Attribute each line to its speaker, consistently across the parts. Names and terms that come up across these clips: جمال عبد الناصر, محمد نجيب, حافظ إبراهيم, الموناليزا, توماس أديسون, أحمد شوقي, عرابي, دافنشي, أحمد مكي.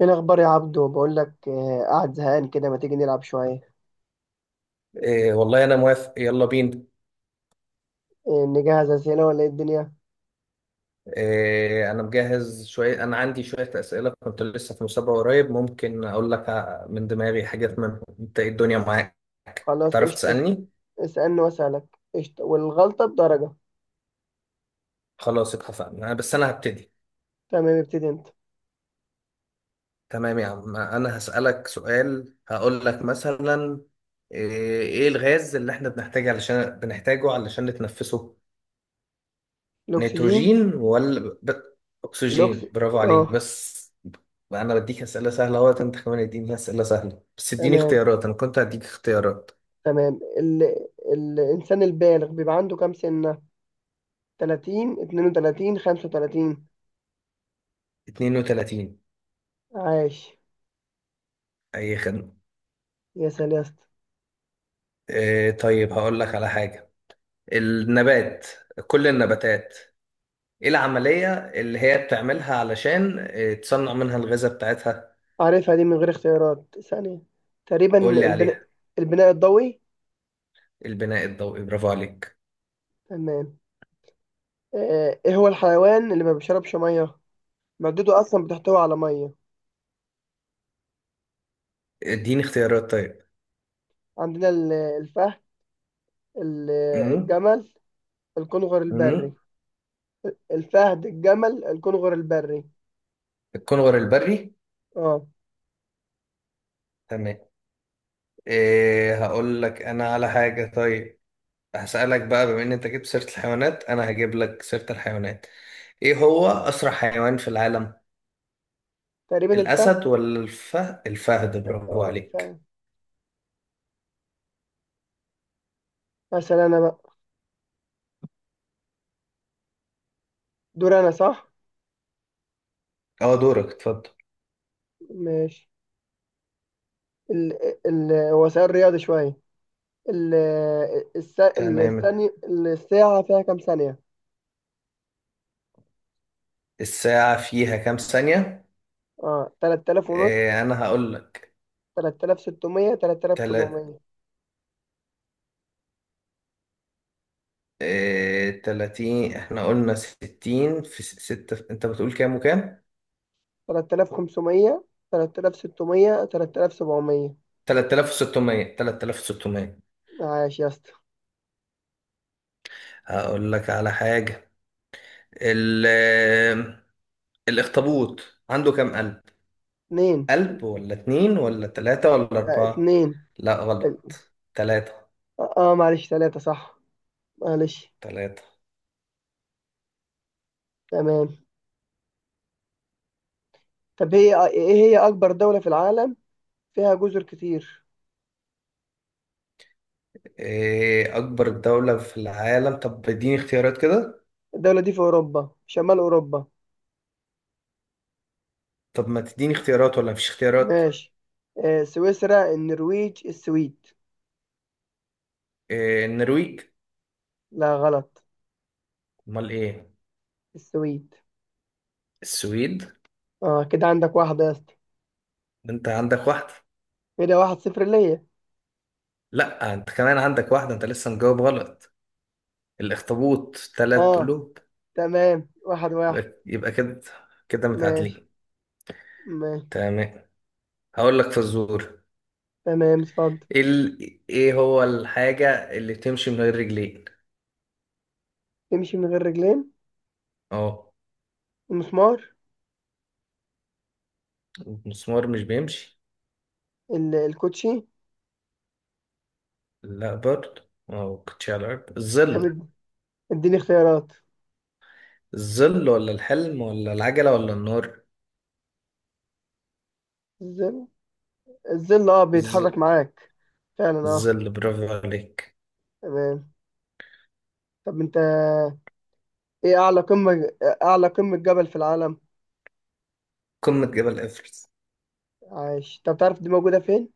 Speaker 1: ايه الاخبار يا عبدو؟ بقول لك، قاعد زهقان كده، ما تيجي نلعب شويه؟
Speaker 2: إيه والله أنا موافق. يلا بينا.
Speaker 1: نجهز اسئله ولا ايه الدنيا؟
Speaker 2: إيه أنا مجهز شوية. أنا عندي شوية أسئلة، كنت لسه في مسابقة قريب، ممكن أقول لك من دماغي حاجات منهم. أنت إيه الدنيا معاك؟
Speaker 1: خلاص
Speaker 2: تعرف
Speaker 1: قشطه.
Speaker 2: تسألني؟
Speaker 1: اسالني واسالك. قشطه، والغلطه بدرجه.
Speaker 2: خلاص اتفقنا. بس أنا هبتدي.
Speaker 1: تمام، ابتدي انت.
Speaker 2: تمام يا عم، أنا هسألك سؤال هقول لك مثلا. إيه إيه الغاز اللي إحنا بنحتاجه علشان نتنفسه؟
Speaker 1: الاكسجين.
Speaker 2: نيتروجين ولا
Speaker 1: الاكس
Speaker 2: أكسجين؟ برافو عليك،
Speaker 1: اه.
Speaker 2: بس بقى أنا بديك أسئلة سهلة أهوت، أنت كمان اديني أسئلة سهلة، بس اديني
Speaker 1: تمام.
Speaker 2: اختيارات. أنا كنت هديك اختيارات.
Speaker 1: تمام. الانسان البالغ بيبقى عنده كام سنه؟ 30، 32، 35؟
Speaker 2: 32.
Speaker 1: عاش.
Speaker 2: أي خدمة؟
Speaker 1: يا سلام يا اسطى.
Speaker 2: إيه طيب، هقول لك على حاجة. النبات، كل النباتات، إيه العملية اللي هي بتعملها علشان إيه، تصنع منها الغذاء بتاعتها؟
Speaker 1: عارفها دي من غير اختيارات ثانيه. تقريبا.
Speaker 2: قول لي عليها.
Speaker 1: البناء البناء الضوئي.
Speaker 2: البناء الضوئي برافو عليك.
Speaker 1: تمام. ايه هو الحيوان اللي ما بيشربش ميه؟ مادته أصلا بتحتوي على مية.
Speaker 2: اديني اختيارات طيب.
Speaker 1: عندنا الفهد، ال-
Speaker 2: امم
Speaker 1: الجمل، الكنغر
Speaker 2: امم
Speaker 1: البري. الفهد، الجمل، الكنغر البري.
Speaker 2: الكنغر البري.
Speaker 1: اه.
Speaker 2: تمام. إيه هقول لك انا على حاجة طيب. هسألك بقى، بما ان انت جبت سيرة الحيوانات انا هجيب لك سيرة الحيوانات. ايه هو اسرع حيوان في العالم؟
Speaker 1: تقريبا الفهد.
Speaker 2: الاسد ولا الفهد؟ الفهد برافو
Speaker 1: اه،
Speaker 2: عليك.
Speaker 1: فهد. مثلا أنا بقى، دور أنا صح؟
Speaker 2: اه، دورك اتفضل.
Speaker 1: ماشي. ال ال هو سؤال رياضي شوية. ال
Speaker 2: تمام.
Speaker 1: الثانية، الساعة فيها كام ثانية؟
Speaker 2: الساعة فيها كام ثانية؟
Speaker 1: اه، 3500.
Speaker 2: إيه انا هقول لك.
Speaker 1: 3600، تلات آلاف
Speaker 2: تلات
Speaker 1: سبعمية
Speaker 2: تلاتين. احنا قلنا ستين في ستة. انت بتقول كام وكام؟
Speaker 1: 3500. 3600، تلات آلاف سبعمية.
Speaker 2: 3600. 3600.
Speaker 1: عاش يا اسطى.
Speaker 2: هقول لك على حاجة. ال الأخطبوط عنده كام قلب؟
Speaker 1: اتنين.
Speaker 2: قلب ولا اتنين ولا تلاتة ولا أربعة؟
Speaker 1: اتنين.
Speaker 2: لا
Speaker 1: اه.
Speaker 2: غلط، تلاتة.
Speaker 1: اه، معلش، تلاتة صح. معلش.
Speaker 2: تلاتة.
Speaker 1: تمام. طب ايه هي أكبر دولة في العالم، فيها جزر كتير؟
Speaker 2: إيه أكبر دولة في العالم؟ طب اديني اختيارات كده.
Speaker 1: الدولة دي في أوروبا، شمال أوروبا.
Speaker 2: طب ما تديني اختيارات ولا مفيش اختيارات؟
Speaker 1: ماشي. سويسرا، النرويج، السويد؟
Speaker 2: إيه النرويج.
Speaker 1: لا غلط.
Speaker 2: أمال إيه؟
Speaker 1: السويد.
Speaker 2: السويد.
Speaker 1: اه، كده عندك واحدة يا اسطى.
Speaker 2: ده أنت عندك واحدة.
Speaker 1: كده 1-0 ليا.
Speaker 2: لا، أنت كمان عندك واحدة، أنت لسه مجاوب غلط. الأخطبوط تلات
Speaker 1: اه.
Speaker 2: قلوب.
Speaker 1: تمام، 1-1.
Speaker 2: يبقى كده. كده
Speaker 1: ماشي.
Speaker 2: متعادلين.
Speaker 1: ماشي.
Speaker 2: تمام. هقول لك فزورة.
Speaker 1: تمام، اتفضل.
Speaker 2: ايه إيه هو الحاجة اللي بتمشي من غير رجلين؟
Speaker 1: تمشي من غير رجلين.
Speaker 2: اه.
Speaker 1: المسمار.
Speaker 2: المسمار مش بيمشي.
Speaker 1: الكوتشي.
Speaker 2: لا برضه، اه كنتش على الأرض. الظل.
Speaker 1: تمام. اديني اختيارات.
Speaker 2: الظل ولا الحلم ولا العجلة ولا النار؟
Speaker 1: الظل،
Speaker 2: الظ-
Speaker 1: بيتحرك معاك. فعلا، اه.
Speaker 2: الظل برافو عليك.
Speaker 1: تمام. طب انت، ايه اعلى قمة، اعلى قمة جبل في العالم؟
Speaker 2: قمة جبل إيفرست.
Speaker 1: عايش. طب تعرف دي موجودة فين؟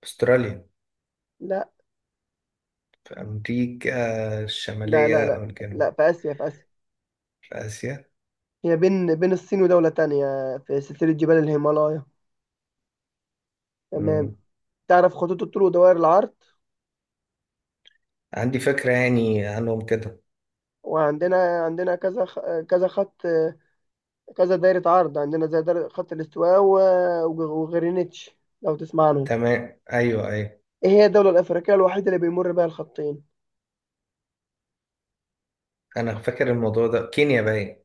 Speaker 2: في أستراليا؟
Speaker 1: لا
Speaker 2: في أمريكا
Speaker 1: لا. لا،
Speaker 2: الشمالية
Speaker 1: لا.
Speaker 2: أو
Speaker 1: لا،
Speaker 2: الجنوب؟
Speaker 1: في آسيا، في آسيا.
Speaker 2: في آسيا.
Speaker 1: هي بين بين الصين ودولة تانية، في سلسلة جبال الهيمالايا. تمام.
Speaker 2: مم.
Speaker 1: تعرف خطوط الطول ودوائر العرض؟
Speaker 2: عندي فكرة يعني عنهم كده.
Speaker 1: وعندنا كذا خط، كذا دايرة عرض، عندنا زي دايرة خط الاستواء وغرينتش، لو تسمع عنهم.
Speaker 2: تمام، أيوه أيوه.
Speaker 1: ايه هي الدولة الأفريقية الوحيدة اللي بيمر بها الخطين؟
Speaker 2: أنا فاكر الموضوع ده، كينيا باين.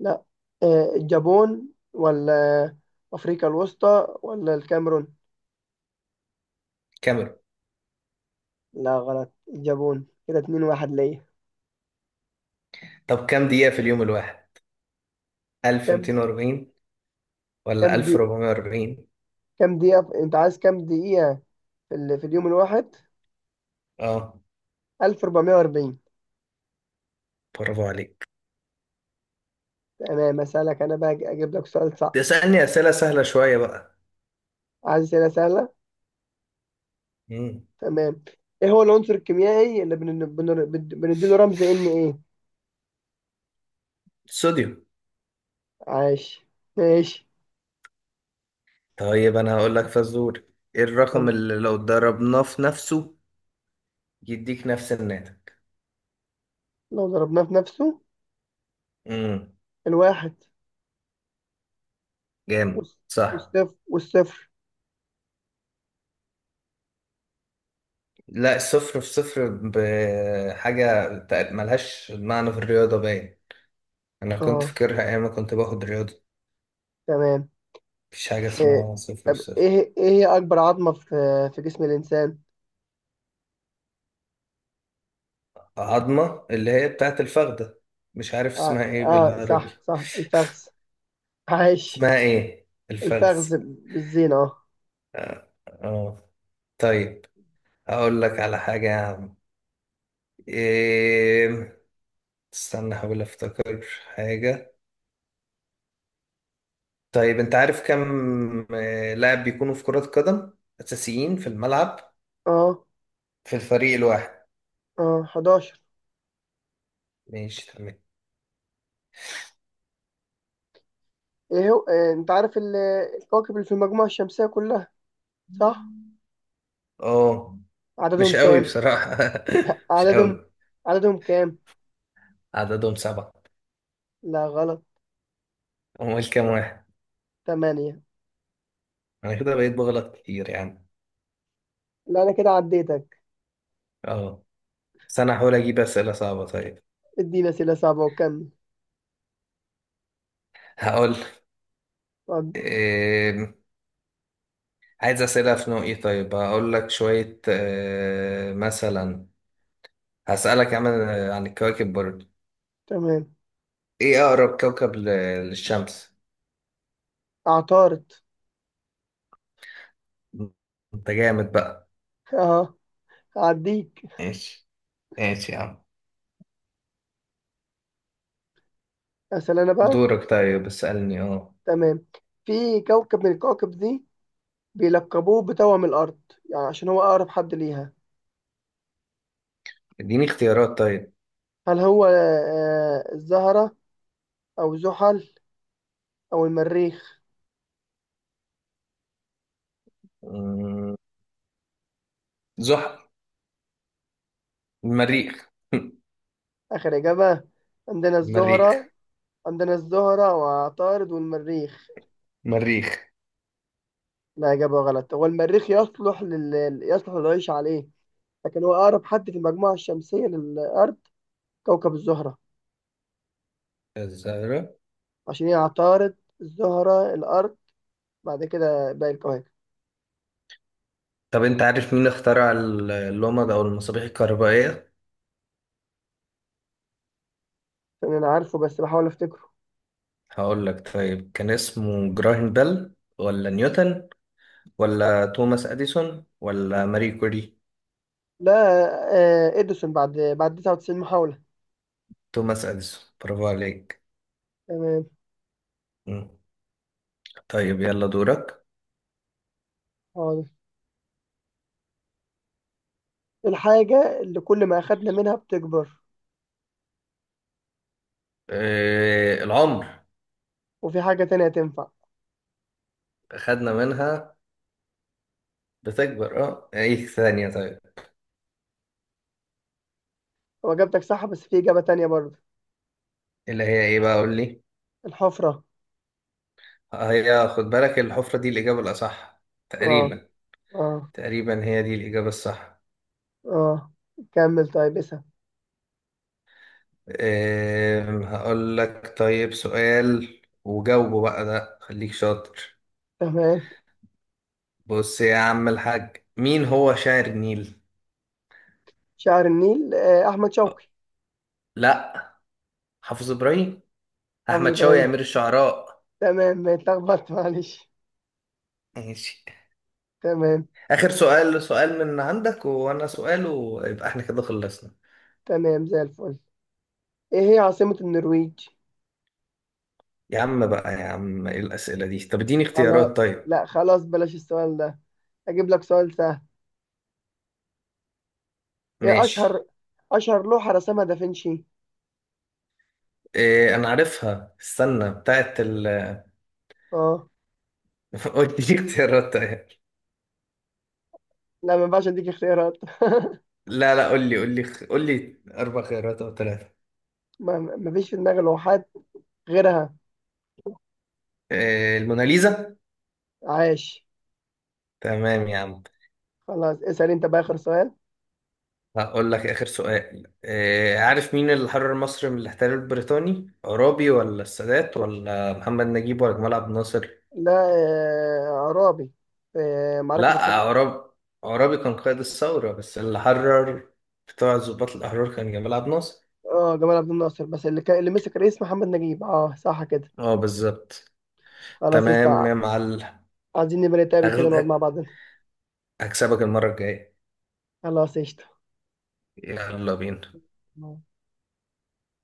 Speaker 1: لا. الجابون، ولا أفريقيا الوسطى، ولا الكاميرون؟
Speaker 2: كاميرون.
Speaker 1: لا غلط، الجابون. كده 2-1 ليا.
Speaker 2: طب كام دقيقة في اليوم الواحد؟
Speaker 1: كم؟
Speaker 2: 1240 ولا
Speaker 1: كم دي؟
Speaker 2: 1440؟
Speaker 1: كم دقيقة أنت عايز كم دقيقة في اليوم الواحد؟
Speaker 2: اه،
Speaker 1: 1440.
Speaker 2: برافو عليك.
Speaker 1: تمام. أسألك أنا بقى، أجيب لك سؤال صعب.
Speaker 2: تسألني أسئلة سهلة شوية بقى.
Speaker 1: عايز أسئلة سهلة.
Speaker 2: مم.
Speaker 1: تمام. إيه هو العنصر الكيميائي اللي بنديله رمز إن إيه؟
Speaker 2: صوديوم.
Speaker 1: عاش. ماشي.
Speaker 2: طيب أنا هقول لك فزور. إيه الرقم
Speaker 1: تمام.
Speaker 2: اللي لو ضربناه في نفسه يديك نفس الناتج؟
Speaker 1: لو ضربناه في نفسه؟
Speaker 2: امم
Speaker 1: الواحد.
Speaker 2: جامد
Speaker 1: والص-
Speaker 2: صح.
Speaker 1: والصفر.
Speaker 2: لا، صفر في صفر بحاجة ملهاش معنى في الرياضة باين. أنا كنت
Speaker 1: أه.
Speaker 2: فاكرها أيام ما كنت باخد رياضة.
Speaker 1: تمام.
Speaker 2: مفيش حاجة
Speaker 1: آه،
Speaker 2: اسمها صفر في صفر.
Speaker 1: ايه هي اكبر عظمة في جسم الانسان؟
Speaker 2: عظمة اللي هي بتاعت الفخدة. مش عارف
Speaker 1: اه،
Speaker 2: اسمها ايه
Speaker 1: آه، صح،
Speaker 2: بالعربي.
Speaker 1: صح، الفخذ. عايش.
Speaker 2: اسمها ايه الفخذ.
Speaker 1: الفخذ بالزينة، اه.
Speaker 2: اه، آه. طيب، هقول لك على حاجة يا عم. إيه... استنى احاول افتكر حاجة. طيب انت عارف كم لاعب بيكونوا في كرة قدم اساسيين في الملعب
Speaker 1: اه.
Speaker 2: في الفريق الواحد؟
Speaker 1: اه، 11.
Speaker 2: ماشي تمام.
Speaker 1: ايه هو إيه انت عارف الكواكب اللي في المجموعة الشمسية كلها، صح؟
Speaker 2: اه،
Speaker 1: عددهم
Speaker 2: مش قوي
Speaker 1: كام؟
Speaker 2: بصراحة. مش
Speaker 1: عددهم
Speaker 2: قوي.
Speaker 1: عددهم كام؟
Speaker 2: عددهم سبعة.
Speaker 1: لا غلط.
Speaker 2: امال كام واحد؟
Speaker 1: 8.
Speaker 2: انا كده بقيت بغلط كتير يعني.
Speaker 1: لا، انا كده عديتك.
Speaker 2: اه. بس انا هحاول اجيب اسئلة صعبة طيب.
Speaker 1: ادينا اسئلة صعبة وكمل.
Speaker 2: هقول.
Speaker 1: اتفضل.
Speaker 2: عايز أسئلة في نوع إيه؟ طيب هقول لك شوية مثلا. هسألك عن الكواكب برضه.
Speaker 1: تمام.
Speaker 2: إيه أقرب كوكب للشمس؟
Speaker 1: اعترض.
Speaker 2: أنت جامد بقى.
Speaker 1: اه، هعديك.
Speaker 2: ماشي. ماشي يا عم.
Speaker 1: اسال انا بقى.
Speaker 2: دورك طيب، اسألني أه.
Speaker 1: تمام. في كوكب من الكواكب دي، بيلقبوه بتوأم الأرض، يعني عشان هو أقرب حد ليها.
Speaker 2: إديني اختيارات طيب.
Speaker 1: هل هو الزهرة، أو زحل، أو المريخ؟
Speaker 2: مم، زحل. المريخ.
Speaker 1: آخر إجابة. عندنا الزهرة.
Speaker 2: المريخ.
Speaker 1: عندنا الزهرة، وعطارد، والمريخ.
Speaker 2: المريخ.
Speaker 1: لا، إجابة غلط. هو المريخ يصلح يصلح للعيش عليه، لكن هو أقرب حد في المجموعة الشمسية للأرض كوكب الزهرة.
Speaker 2: الزهرة.
Speaker 1: عشان هي عطارد، الزهرة، الأرض، بعد كده باقي الكواكب.
Speaker 2: طب أنت عارف مين اخترع اللمبة أو المصابيح الكهربائية؟
Speaker 1: أنا عارفه، بس بحاول أفتكره.
Speaker 2: هقول لك طيب، كان اسمه جراهام بيل ولا نيوتن ولا توماس أديسون ولا ماري كوري؟
Speaker 1: لا. إديسون بعد 99 محاولة.
Speaker 2: توماس أديسون برافو عليك.
Speaker 1: تمام.
Speaker 2: مم. طيب يلا دورك.
Speaker 1: خالص. الحاجة اللي كل ما أخدنا منها بتكبر.
Speaker 2: العمر.
Speaker 1: وفي حاجة تانية تنفع.
Speaker 2: خدنا منها بتكبر، اه، ايه ثانية طيب.
Speaker 1: هو إجابتك صح، بس في إجابة تانية برضه.
Speaker 2: اللي هي ايه بقى قول لي؟
Speaker 1: الحفرة.
Speaker 2: هي، خد بالك، الحفرة دي الإجابة الأصح
Speaker 1: آه.
Speaker 2: تقريبا.
Speaker 1: آه.
Speaker 2: تقريبا هي دي الإجابة الصح.
Speaker 1: آه. كمل، طيب اسأل.
Speaker 2: هقول لك طيب سؤال وجاوبه بقى ده، خليك شاطر.
Speaker 1: تمام.
Speaker 2: بص يا عم الحاج، مين هو شاعر النيل؟
Speaker 1: شعر النيل، أحمد شوقي.
Speaker 2: لا، حافظ إبراهيم.
Speaker 1: حافظ
Speaker 2: احمد شوقي
Speaker 1: إبراهيم.
Speaker 2: امير الشعراء.
Speaker 1: تمام، ما اتلخبطت، معلش.
Speaker 2: ماشي.
Speaker 1: تمام.
Speaker 2: اخر سؤال، سؤال من عندك وانا سؤال، ويبقى احنا كده خلصنا.
Speaker 1: تمام، زي الفل. إيه هي عاصمة النرويج؟
Speaker 2: يا عم بقى يا عم، ايه الاسئله دي؟ طب اديني
Speaker 1: على.
Speaker 2: اختيارات طيب.
Speaker 1: لا، خلاص بلاش السؤال ده. أجيب لك سؤال سهل. إيه
Speaker 2: ماشي.
Speaker 1: أشهر لوحة رسمها دافنشي؟
Speaker 2: إيه انا عارفها، استنى بتاعت
Speaker 1: آه.
Speaker 2: قول لي اختيارات طيب.
Speaker 1: لا، ما ينفعش أديك اختيارات.
Speaker 2: لا لا، قول لي قول لي قول لي اربع خيارات او ثلاثه.
Speaker 1: ما فيش في دماغي لوحات غيرها.
Speaker 2: إيه الموناليزا.
Speaker 1: عاش.
Speaker 2: تمام يا عم.
Speaker 1: خلاص، اسأل انت بقى آخر سؤال.
Speaker 2: هقول لك اخر سؤال. إيه عارف مين اللي حرر مصر من الاحتلال البريطاني؟ عرابي ولا السادات ولا محمد نجيب ولا جمال عبد الناصر؟
Speaker 1: لا. عرابي. معركة
Speaker 2: لا،
Speaker 1: التلج.
Speaker 2: عرابي عرابي كان قائد الثورة بس، اللي حرر بتوع ضباط الأحرار كان جمال عبد الناصر.
Speaker 1: اه، جمال عبد الناصر، بس اللي مسك رئيس محمد نجيب، اه صح كده.
Speaker 2: اه بالظبط.
Speaker 1: خلاص.
Speaker 2: تمام يا معلم.
Speaker 1: عايزين نبقى نتقابل كده،
Speaker 2: هغل-
Speaker 1: نقعد مع بعضنا.
Speaker 2: هكسبك المرة الجاية.
Speaker 1: خلاص قشطة.
Speaker 2: يلا بينا.